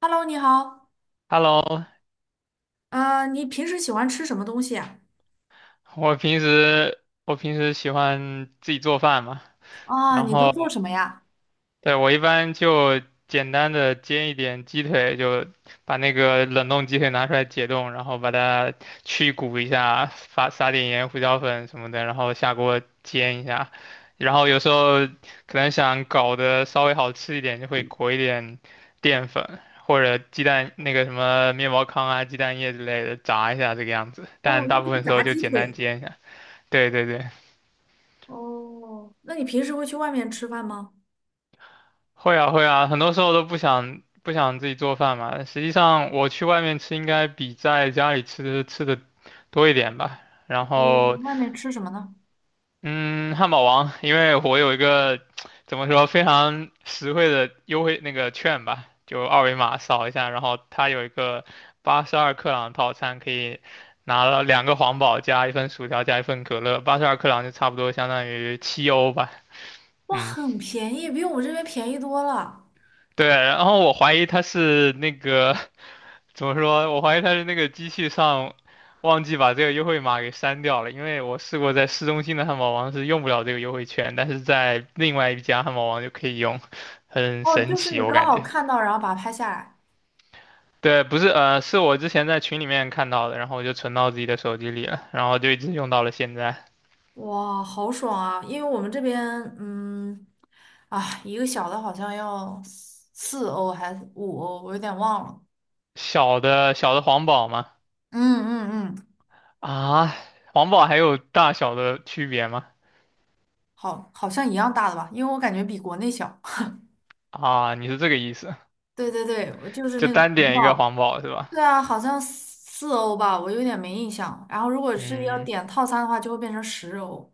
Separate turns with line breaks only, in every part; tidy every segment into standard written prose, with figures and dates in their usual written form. Hello，你好，
Hello，
你平时喜欢吃什么东西啊？
我平时我平时喜欢自己做饭嘛，
啊，
然
你都
后
做什么呀？
对我一般就简单的煎一点鸡腿，就把那个冷冻鸡腿拿出来解冻，然后把它去骨一下，撒撒点盐、胡椒粉什么的，然后下锅煎一下。然后有时候可能想搞得稍微好吃一点，就会裹一点淀粉或者鸡蛋那个什么面包糠啊、鸡蛋液之类的炸一下这个样子，但
哦，
大
那就
部
是
分时
炸
候就
鸡
简单
腿。
煎一下。对对对，
哦，那你平时会去外面吃饭吗？
会啊会啊，很多时候都不想自己做饭嘛。实际上我去外面吃应该比在家里吃的多一点吧。然
你
后
外面吃什么呢？
嗯，汉堡王，因为我有一个怎么说非常实惠的优惠那个券吧，就二维码扫一下，然后它有一个八十二克朗套餐，可以拿了两个皇堡加一份薯条加一份可乐，八十二克朗就差不多相当于7欧吧。嗯，
很便宜，比我们这边便宜多了。
对，然后我怀疑它是那个怎么说？我怀疑他是那个机器上忘记把这个优惠码给删掉了，因为我试过在市中心的汉堡王是用不了这个优惠券，但是在另外一家汉堡王就可以用，很
哦，
神
就是
奇，
你
我
刚
感
好
觉。
看到，然后把它拍下来，
对，不是，是我之前在群里面看到的，然后我就存到自己的手机里了，然后就一直用到了现在。
哇，好爽啊！因为我们这边，嗯，啊，一个小的好像要四欧还是五欧，我有点忘了，
小的黄堡吗？
嗯嗯嗯，
啊，黄堡还有大小的区别吗？
好，好像一样大的吧，因为我感觉比国内小。
啊，你是这个意思？
对对对，我就是
就
那个
单
红
点一个
宝，
黄堡是吧？
对啊，好像四欧吧，我有点没印象。然后如果是要
嗯。
点套餐的话，就会变成十欧。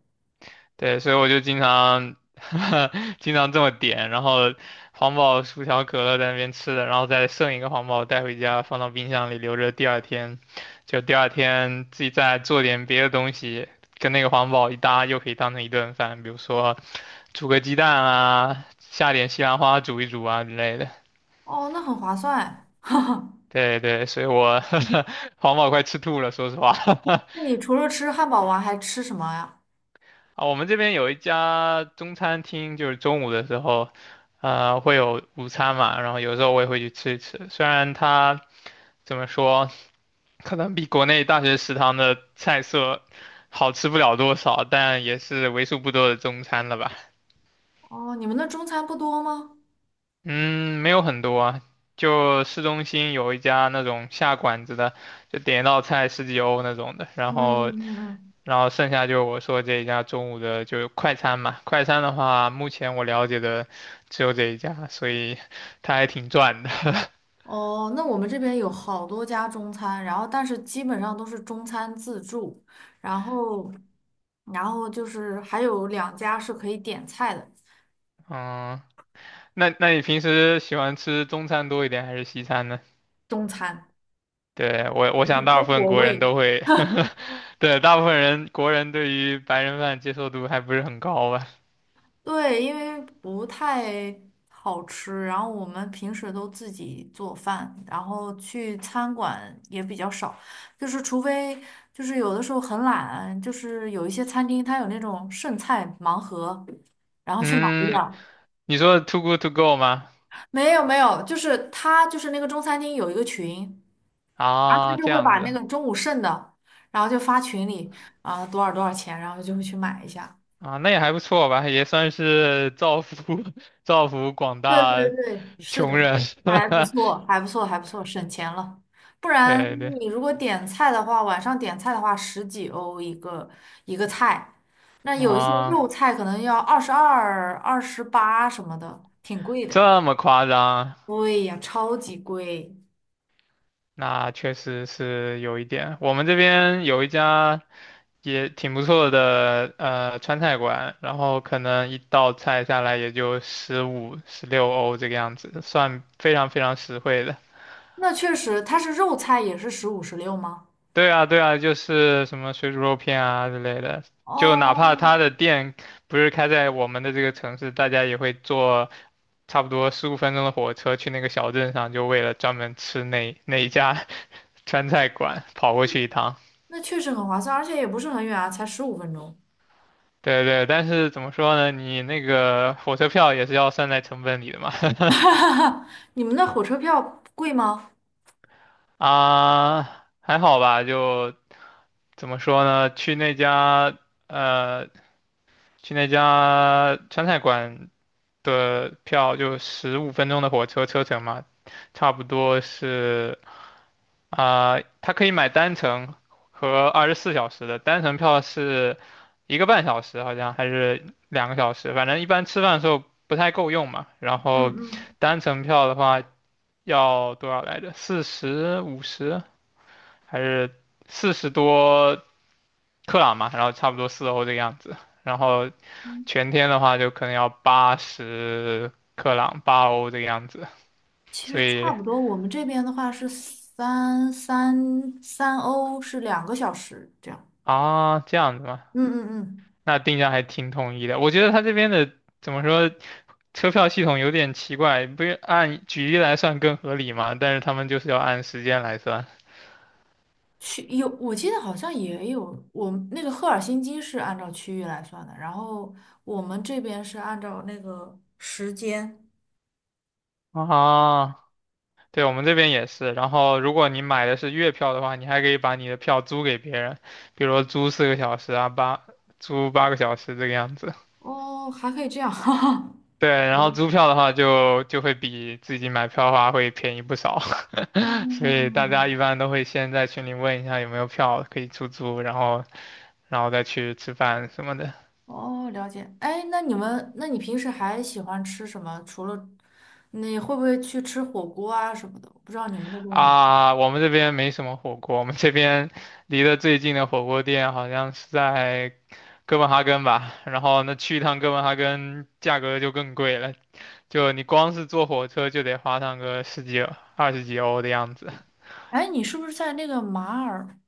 对，所以我就经常 经常这么点，然后黄堡、薯条、可乐在那边吃的，然后再剩一个黄堡带回家，放到冰箱里留着，第二天自己再做点别的东西，跟那个黄堡一搭，又可以当成一顿饭，比如说煮个鸡蛋啊，下点西兰花煮一煮啊之类的。
哦，那很划算。
对对，所以我 黄堡快吃吐了，说实话。
那你除了吃汉堡王还吃什么呀？
啊，我们这边有一家中餐厅，就是中午的时候，会有午餐嘛，然后有时候我也会去吃一吃。虽然它怎么说，可能比国内大学食堂的菜色好吃不了多少，但也是为数不多的中餐了吧。
哦，你们那中餐不多吗？
嗯，没有很多啊，就市中心有一家那种下馆子的，就点一道菜十几欧那种的，然
嗯
后
嗯嗯。
然后剩下就是我说这一家中午的就是快餐嘛，快餐的话，目前我了解的只有这一家，所以他还挺赚的。
哦，那我们这边有好多家中餐，然后但是基本上都是中餐自助，然后然后就是还有两家是可以点菜的
嗯，那你平时喜欢吃中餐多一点还是西餐呢？
中餐，
对，我
不
想
是
大
中
部分
国
国人
味。
都会，对，大部分国人对于白人饭接受度还不是很高吧？
对，因为不太好吃，然后我们平时都自己做饭，然后去餐馆也比较少，就是除非就是有的时候很懒，就是有一些餐厅它有那种剩菜盲盒，然后去买一点
嗯，
儿。
你说 too good to go 吗？
没有没有，就是它就是那个中餐厅有一个群，然后
啊，
他就
这
会
样
把那
子
个中午剩的，然后就发群里啊多少多少钱，然后就会去买一下。
啊，那也还不错吧，也算是造福 造福广
对
大
对对，是的，
穷人，
还不 错，还不错，还不错，省钱了。不然
对对
你如果点菜的话，晚上点菜的话，十几欧一个一个菜，那有一些
啊，
肉菜可能要二十二、二十八什么的，挺贵的。
这么夸张，
对呀，超级贵。
那确实是有一点。我们这边有一家也挺不错的川菜馆，然后可能一道菜下来也就15、16欧这个样子，算非常非常实惠的。
那确实，它是肉菜也是十五、十六吗？
对啊，对啊，就是什么水煮肉片啊之类的，就哪怕
哦，
他的店不是开在我们的这个城市，大家也会做差不多十五分钟的火车去那个小镇上，就为了专门吃那 那一家 川菜馆跑过去一趟。
那确实很划算，而且也不是很远啊，才十五分钟。
对对，但是怎么说呢？你那个火车票也是要算在成本里的嘛。
你们那火车票贵吗？
啊，还好吧，就怎么说呢？呃，去那家川菜馆的票就十五分钟的火车车程嘛，差不多是啊、它可以买单程和24小时的，单程票是一个半小时，好像还是2个小时，反正一般吃饭的时候不太够用嘛。然
嗯
后
嗯。
单程票的话要多少来着？四十五十还是40多克朗嘛？然后差不多4欧这个样子。然后全天的话就可能要80克朗，8欧这个样子。
其
所
实差
以
不多，我们这边的话是三欧是两个小时这样。
啊，这样子吗？
嗯嗯嗯，
那定价还挺统一的。我觉得他这边的怎么说，车票系统有点奇怪，不是按距离来算更合理嘛？但是他们就是要按时间来算
区有我记得好像也有，我们那个赫尔辛基是按照区域来算的，然后我们这边是按照那个时间。
啊。对，我们这边也是。然后，如果你买的是月票的话，你还可以把你的票租给别人，比如说租4个小时啊，租8个小时这个样子。
哦，还可以这样，哈哈。
对，然后租票的话就会比自己买票的话会便宜不少，所以大
嗯，
家一般都会先在群里问一下有没有票可以出租，然后再去吃饭什么的。
哦，了解。哎，那你们，那你平时还喜欢吃什么？除了你会不会去吃火锅啊什么的？我不知道你们那边有。
啊，我们这边没什么火锅，我们这边离得最近的火锅店好像是在哥本哈根吧。然后那去一趟哥本哈根，价格就更贵了，就你光是坐火车就得花上个十几、二十几欧的样子。
哎，你是不是在那个马尔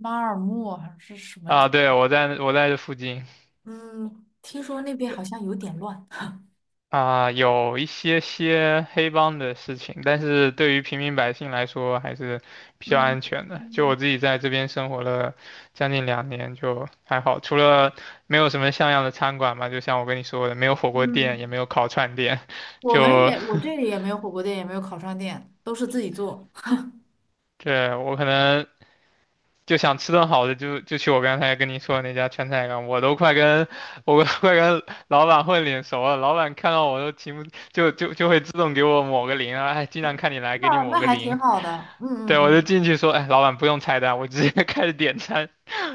马尔默还是什么
啊，
地？
对，我在这附近。
嗯，听说那边好像有点乱。
啊，有一些黑帮的事情，但是对于平民百姓来说还是比较
嗯
安全的。就
嗯
我自己在这边生活了将近2年，就还好，除了没有什么像样的餐馆嘛，就像我跟你说的，没有火锅店，也
嗯，
没有烤串店，
我们
就
也我这里也没有火锅店，也没有烤串店，都是自己做。
对我可能就想吃顿好的就去我刚才跟你说的那家川菜馆，我都快跟老板混脸熟了，老板看到我都情不就会自动给我抹个零啊，哎，经常看你来，给你
那
抹
那
个
还挺
零。
好的。嗯嗯
对，我就
嗯，
进去说，哎，老板不用菜单，我直接 开始点餐，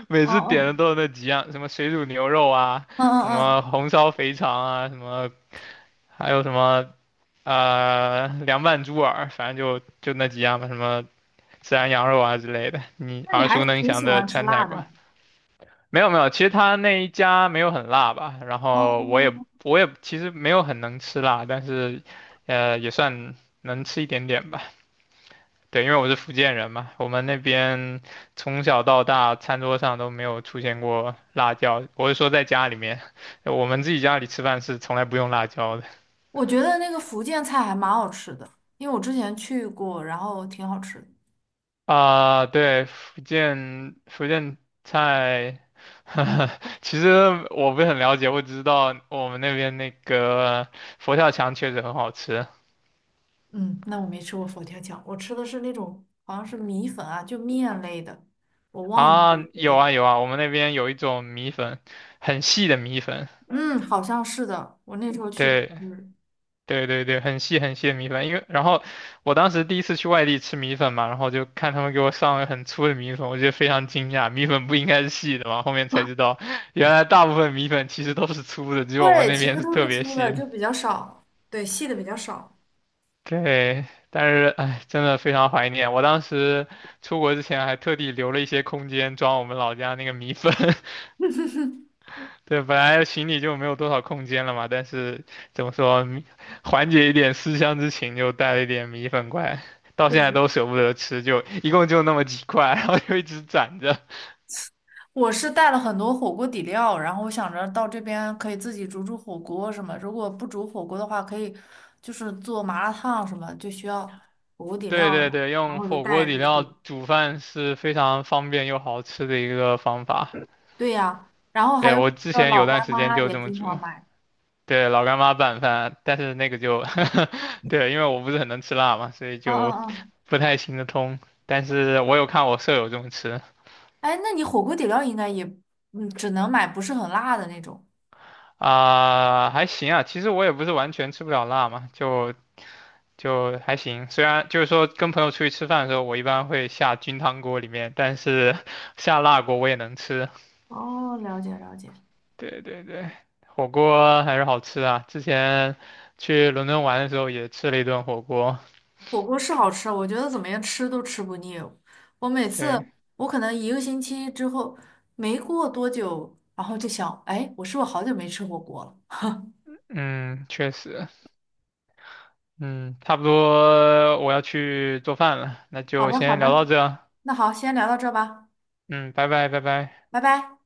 每
哦
次点的
哦，
都是那几样，什么水煮牛肉啊，
嗯
什
嗯
么
嗯，
红烧肥肠啊，还有什么凉拌猪耳，反正就那几样吧，什么孜然羊肉啊之类的，你
那你
耳
还
熟能
挺
详
喜
的
欢吃
川菜
辣
馆。
的。
没有没有，其实他那一家没有很辣吧，然后我也
哦，
我也其实没有很能吃辣，但是也算能吃一点点吧。对，因为我是福建人嘛，我们那边从小到大餐桌上都没有出现过辣椒。我是说在家里面，我们自己家里吃饭是从来不用辣椒的。
我觉得那个福建菜还蛮好吃的，因为我之前去过，然后挺好吃的。
啊、对，福建菜，其实我不是很了解，我只知道我们那边那个佛跳墙确实很好吃
嗯，那我没吃过佛跳墙，我吃的是那种好像是米粉啊，就面类的，我忘记
啊。
了有
有
点。
啊有啊，我们那边有一种米粉，很细的米粉，
嗯，好像是的，我那时候去吃，
对，对对对，很细很细的米粉，因为然后我当时第一次去外地吃米粉嘛，然后就看他们给我上了很粗的米粉，我觉得非常惊讶，米粉不应该是细的嘛，后面才知道原来大部分米粉其实都是粗的，只有我们
对，
那
其
边
实
是
都
特
是
别
粗的，
细的。
就比较少，对，细的比较少。
对，但是哎，真的非常怀念，我当时出国之前还特地留了一些空间装我们老家那个米粉。对，本来行李就没有多少空间了嘛，但是怎么说，缓解一点思乡之情，就带了一点米粉过来，到现在
对，
都舍不得吃，就一共就那么几块，然后就一直攒着。
我是带了很多火锅底料，然后我想着到这边可以自己煮煮火锅什么，如果不煮火锅的话，可以就是做麻辣烫什么，就需要火锅底料
对对
了，
对，
然
用
后我就
火锅
带了
底
这
料
些。
煮饭是非常方便又好吃的一个方法。
对呀，然后还
对，
有
我之
那个
前
老
有段
干
时间
妈
就
也
这么
经常
煮，
买。
对，老干妈拌饭，但是那个就，对，因为我不是很能吃辣嘛，所以
嗯
就
嗯嗯
不太行得通。但是我有看我舍友这么吃。
哎，那你火锅底料应该也，嗯，只能买不是很辣的那种。
啊、还行啊，其实我也不是完全吃不了辣嘛，就还行。虽然就是说跟朋友出去吃饭的时候，我一般会下菌汤锅里面，但是 下辣锅我也能吃。
哦，了解了解。
对对对，火锅还是好吃啊。之前去伦敦玩的时候也吃了一顿火锅。
火锅是好吃，我觉得怎么样吃都吃不腻。我每次，
对，
我可能一个星期之后，没过多久，然后就想，哎，我是不是好久没吃火锅了？
嗯，确实，嗯，差不多我要去做饭了，那
好
就
的好
先聊
的，
到这啊。
那好，先聊到这儿吧，
嗯，拜拜拜拜。
拜拜。